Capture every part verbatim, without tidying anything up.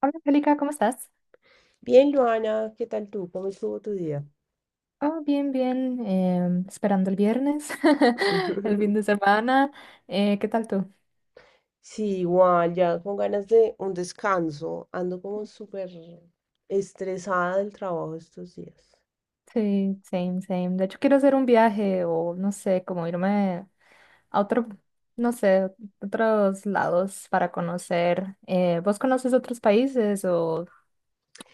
Hola, Angélica, ¿cómo estás? Bien, Joana, ¿qué tal tú? ¿Cómo estuvo tu día? Oh, bien, bien, em, esperando el viernes, el fin de semana. Eh, ¿qué tal tú? Sí, igual, ya con ganas de un descanso. Ando como súper estresada del trabajo estos días. Sí, same, same. De hecho, quiero hacer un viaje o no sé, como irme a otro, no sé, otros lados para conocer. Eh, ¿vos conoces otros países o,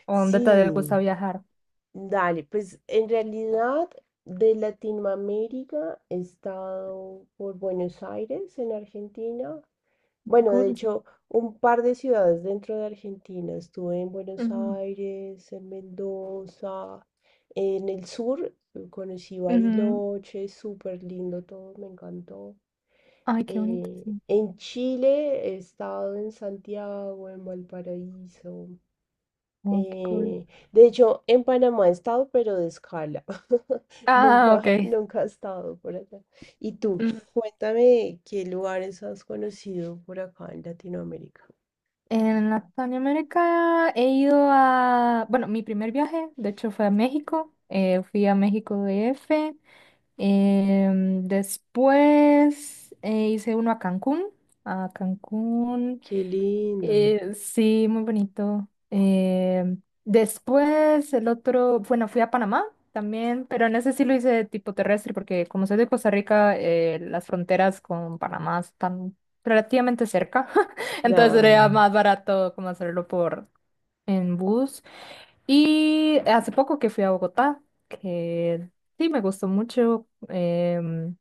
o dónde te gusta Sí, viajar? dale, pues en realidad de Latinoamérica he estado por Buenos Aires, en Argentina. Qué Bueno, de cool. Sí. hecho, un par de ciudades dentro de Argentina. Estuve en Buenos Ujú, Aires, en Mendoza. En el sur eh, conocí ujú. Bariloche, súper lindo todo, me encantó. Ay, qué bonito, Eh, sí. En Chile he estado en Santiago, en Valparaíso. Oh, qué cool. eh, de hecho, en Panamá he estado, pero de escala. Ah, Nunca, ok. nunca he estado por acá. Y tú, cuéntame qué lugares has conocido por acá en Latinoamérica. En Latinoamérica he ido a, bueno, mi primer viaje, de hecho, fue a México. Eh, fui a México D F. Em, después eh, hice uno a Cancún. A Cancún. Qué lindo. Eh, sí, muy bonito. Eh, después el otro, bueno, fui a Panamá también, pero en ese sí lo hice de tipo terrestre, porque como soy de Costa Rica, eh, las fronteras con Panamá están relativamente cerca, entonces sería Claro. más barato como hacerlo por en bus. Y hace poco que fui a Bogotá, que sí me gustó mucho, em,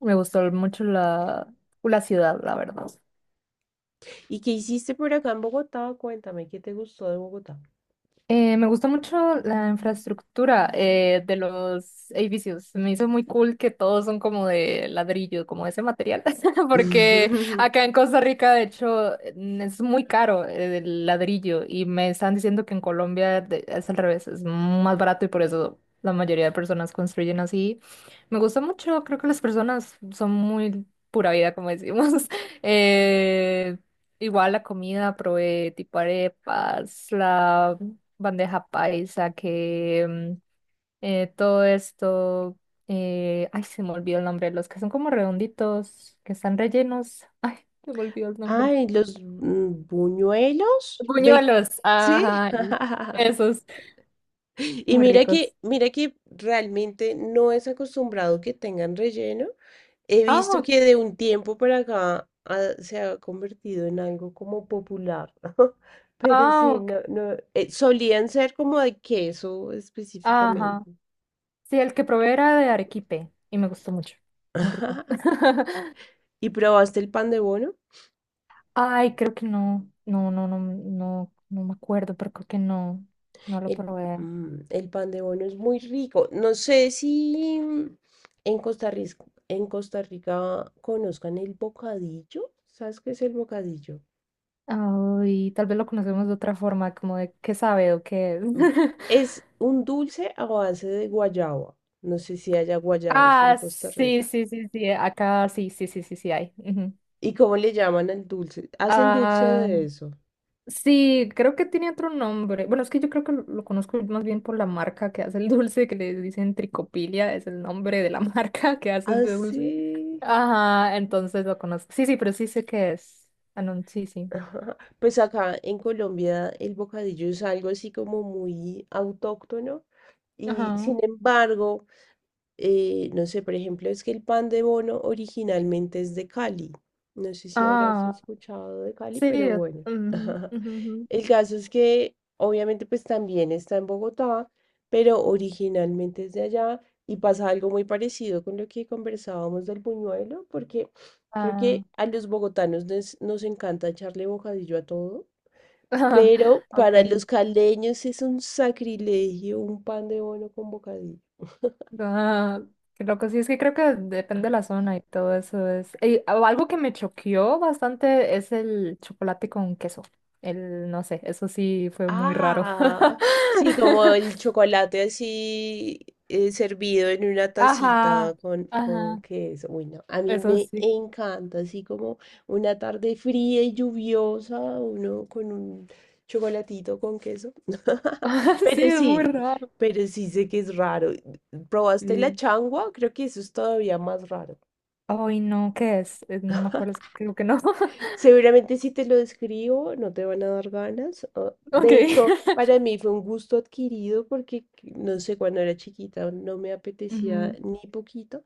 me gustó mucho la, la ciudad, la verdad. ¿Y qué hiciste por acá en Bogotá? Cuéntame, ¿qué te gustó de Bogotá? Eh, me gustó mucho la infraestructura eh, de los edificios. Me hizo muy cool que todos son como de ladrillo, como ese material, porque acá en Costa Rica, de hecho, mm, es muy caro eh, el ladrillo y me están diciendo que en Colombia de- es al revés, es más barato y por eso la mayoría de personas construyen así. Me gusta mucho, creo que las personas son muy pura vida, como decimos. Eh, Igual la comida, probé tipo arepas, la bandeja paisa, que mm, eh, todo esto, eh, ay, se me olvidó el nombre, los que son como redonditos, que están rellenos, ay, se me olvidó el nombre. Ay, los mm, buñuelos de... Buñuelos, Sí. ajá, e- esos, Y muy mira que, ricos. mira que realmente no es acostumbrado que tengan relleno. He Ah, visto ok, que de un tiempo para acá ha- se ha convertido en algo como popular. Pero ah, sí, ok, no, no, eh, solían ser como de queso ajá. específicamente. Sí, el que probé era de arequipe y me gustó mucho, muy rico. ¿Y probaste el pan de bono? Ay, creo que no, no, no, no, no, no me acuerdo, pero creo que no, no lo El, probé. mm, el pan de bono es muy rico. No sé si mm, en Costa Rica, en Costa Rica conozcan el bocadillo. ¿Sabes qué es el bocadillo? Ay, tal vez lo conocemos de otra forma, como de qué sabe o qué es. Mm, Es un dulce a base de guayaba. No sé si haya guayabas en Ah, Costa Rica. sí, sí, sí, sí, acá sí, sí, sí, sí, sí hay. Ujú. ¿Y cómo le llaman al dulce? Hacen dulce Ah, de eso. sí, creo que tiene otro nombre. Bueno, es que yo creo que lo, lo conozco más bien por la marca que hace el dulce, que le dicen Tricopilia, es el nombre de la marca que hace ese dulce. Así. Ajá, entonces lo conozco. Sí, sí, pero sí sé qué es. Ah, no, sí, sí. Ajá. Pues acá en Colombia el bocadillo es algo así como muy autóctono. Y Ajá. sin embargo, eh, no sé, por ejemplo, es que el pan de bono originalmente es de Cali. No sé si habrás Ah, escuchado de Cali, sí. pero bueno. Ujú, ujú, ujú. El caso es que obviamente pues también está en Bogotá, pero originalmente es de allá y pasa algo muy parecido con lo que conversábamos del buñuelo, porque creo Ah, que a los bogotanos nos, nos encanta echarle bocadillo a todo. Pero para okay. los caleños es un sacrilegio un pan de bono con bocadillo. Ah, qué loco, sí, es que creo que depende de la zona y todo eso es. Y algo que me choqueó bastante es el chocolate con queso. El, no sé, eso sí fue muy raro. Ah, sí, como el chocolate así eh, servido en una Ajá, tacita con, con ajá, queso. Uy, no, a mí eso me sí. encanta, así como una tarde fría y lluviosa, uno con un chocolatito con queso. Sí, Pero es muy sí, raro. pero sí sé que es raro. ¿Probaste la Sí. changua? Creo que eso es todavía más raro. Ay, no, ¿qué es? Eh, No me acuerdo, es que creo que no. Seguramente si te lo describo no te van a dar ganas. o- De Ok. hecho, para mí fue un gusto adquirido porque, no sé, cuando era chiquita no me apetecía Ujú. ni poquito.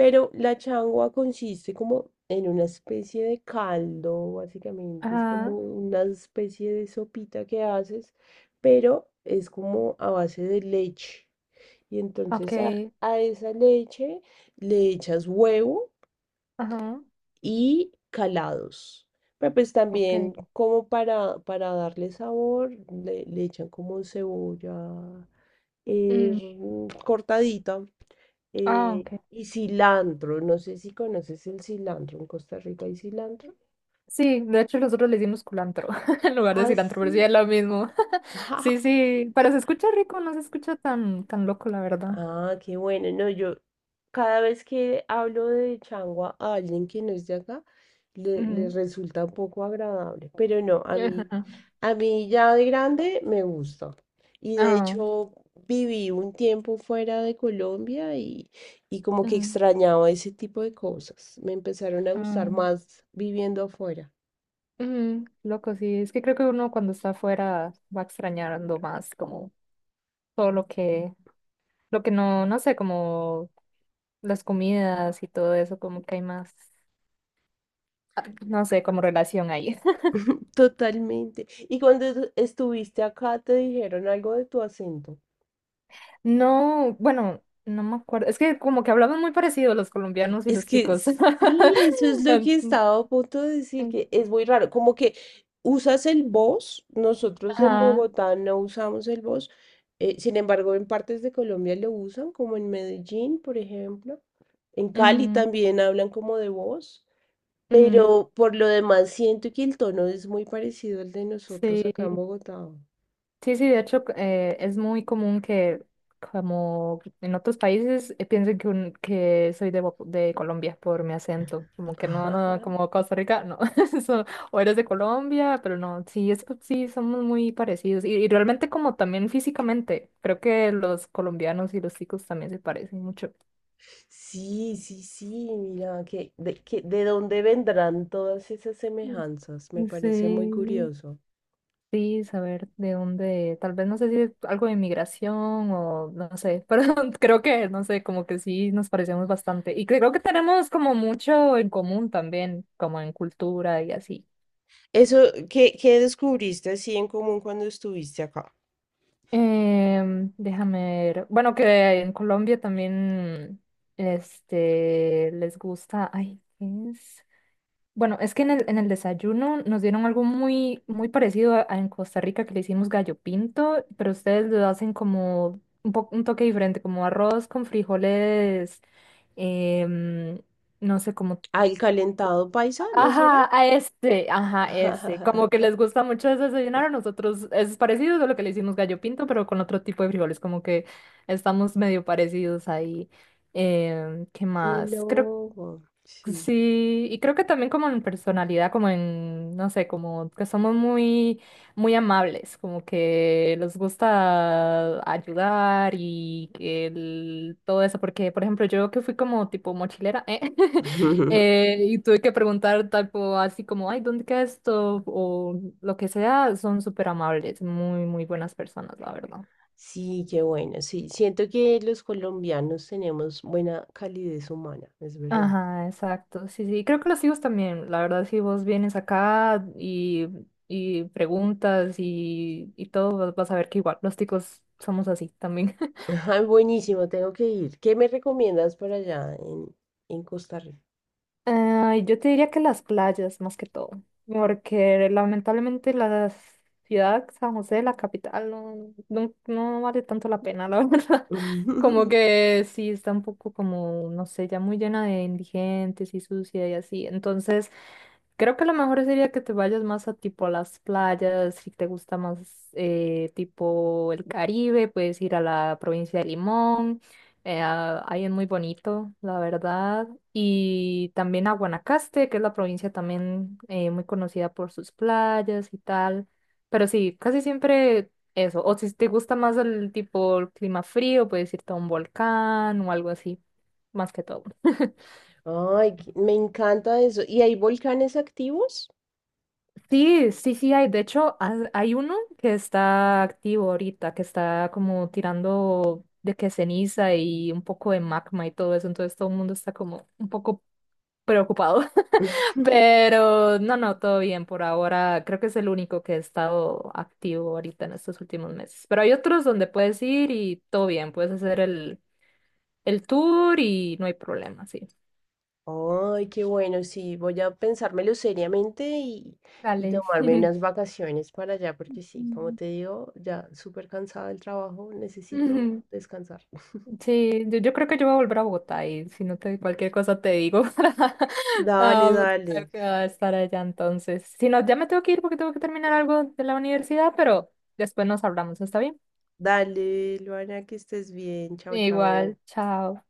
Pero la changua consiste como en una especie de caldo, básicamente. Es como Ajá, una especie de sopita que haces, pero es como a base de leche. Y ok, entonces a, a esa leche le echas huevo ajá, y calados. Pero pues también ok. como para, para darle sabor, le, le echan como cebolla Mm, eh, cortadita ah, eh, ok. y cilantro. No sé si conoces el cilantro. En Costa Rica hay cilantro. Sí, de hecho nosotros le decimos culantro en lugar de Ah, cilantro, pero sí sí. es lo mismo. Sí, sí, pero se escucha rico, no se escucha tan, tan loco, la verdad. Ah, qué bueno. No, yo cada vez que hablo de changua a alguien que no es de acá, le, le Ujú. resulta un poco agradable. Pero no, a mí, Ajá. a mí ya de grande me gusta. Y de Ah, hecho viví un tiempo fuera de Colombia y, y como que ujú, extrañaba ese tipo de cosas. Me empezaron a gustar ah, más viviendo afuera. ujú, loco, sí. Es que creo que uno cuando está afuera va extrañando más como todo lo que, lo que no, no sé, como las comidas y todo eso, como que hay más, ah, no sé, como relación ahí. Totalmente. Y cuando tú estuviste acá, ¿te dijeron algo de tu acento? No, bueno, no me acuerdo. Es que como que hablaban muy parecido los colombianos y Es los que ticos. sí, eso es lo que estaba a punto de decir, que es muy raro, como que usas el voz, nosotros en Ajá. Bogotá no usamos el voz, sin embargo en partes de Colombia lo usan, como en Medellín, por ejemplo, en Cali Ujú, también hablan como de voz, ujú, pero por lo demás siento que el tono es muy parecido al de nosotros acá en sí. Bogotá. Sí, sí, de hecho eh, es muy común que como en otros países eh, piensen que, un- que soy de, Bo- de Colombia por mi acento, como que no, no, no, como Costa Rica, no, eso, o eres de Colombia, pero no, sí, es que sí, somos muy parecidos y, y realmente como también físicamente, creo que los colombianos y los chicos también se parecen mucho. Sí, sí, sí, mira, que de, que, de dónde vendrán todas esas semejanzas, me Mm. parece muy Sí. curioso. Sí, saber de dónde, tal vez no sé si es algo de inmigración o no sé, pero creo que, no sé, como que sí nos parecemos bastante y creo que tenemos como mucho en común también, como en cultura y así. Eso, ¿qué, ¿qué descubriste así en común cuando estuviste acá? Em, déjame ver, bueno, que en Colombia también, este, les gusta, ay, ¿qué es? Bueno, es que en el, en el desayuno nos dieron algo muy, muy parecido a, a en Costa Rica que le hicimos gallo pinto, pero ustedes lo hacen como un, po- un toque diferente, como arroz con frijoles, em, no sé cómo. Ah, el calentado paisa, ¿no será? Ajá, a este, ajá, este. Como que les gusta mucho ese desayunar a nosotros. Es parecido a lo que le hicimos gallo pinto, pero con otro tipo de frijoles, como que estamos medio parecidos ahí. Em, ¿qué Qué más? Creo loco, sí. sí, y creo que también como en personalidad, como en, no sé, como que somos muy, muy amables, como que nos gusta ayudar y el- todo eso, porque por ejemplo yo que fui como tipo mochilera, ¿eh? Eh, y tuve que preguntar tipo así como, ay, ¿dónde queda esto? O lo que sea, son súper amables, muy, muy buenas personas, la verdad. Sí, qué bueno, sí. Siento que los colombianos tenemos buena calidez humana, es verdad. Ajá, exacto. Sí, sí. Creo que los hijos también. La verdad, si vos vienes acá y, y preguntas y, y todo, vas vas a ver que igual los ticos somos así también. Ajá, buenísimo, tengo que ir. ¿Qué me recomiendas para allá en, en Costa Rica? Ay, yo te diría que las playas, más que todo. Porque lamentablemente la ciudad, San José, la capital, no, no, no vale tanto la pena, la verdad. Como que sí está un poco como, no sé, ya muy llena de indigentes y sucia y así. Entonces. Creo que lo mejor sería que te vayas más a tipo a las playas, si te gusta más eh, tipo el Caribe, puedes ir a la provincia de Limón, eh, a- ahí es muy bonito, la verdad, y también a Guanacaste, que es la provincia también eh, muy conocida por sus playas y tal, pero sí, casi siempre eso, o si te gusta más el tipo el clima frío, puedes irte a un volcán o algo así, más que todo. Ay, qué- me encanta eso. ¿Y hay volcanes activos? Sí, sí, sí hay. De hecho, ha- hay uno que está activo ahorita, que está como tirando de que ceniza y un poco de magma y todo eso. Entonces todo el mundo está como un poco preocupado. Pero no, no, todo bien por ahora. Creo que es el único que ha estado activo ahorita en estos últimos meses. Pero hay otros donde puedes ir y todo bien. Puedes hacer el, el tour y no hay problema, sí. Ay, qué bueno, sí, voy a pensármelo seriamente y, y Dale. tomarme unas vacaciones para allá, porque sí, como te digo, ya súper cansada del trabajo, necesito Mm. descansar. Sí, yo, yo creo que yo voy a volver a Bogotá y si no te cualquier cosa te digo para, Dale, am, dale, para estar allá entonces. Si no, ya me tengo que ir porque tengo que terminar algo de la universidad, pero después nos hablamos, ¿está bien? dale, Luana, que estés bien, chao, chao. Igual, chao.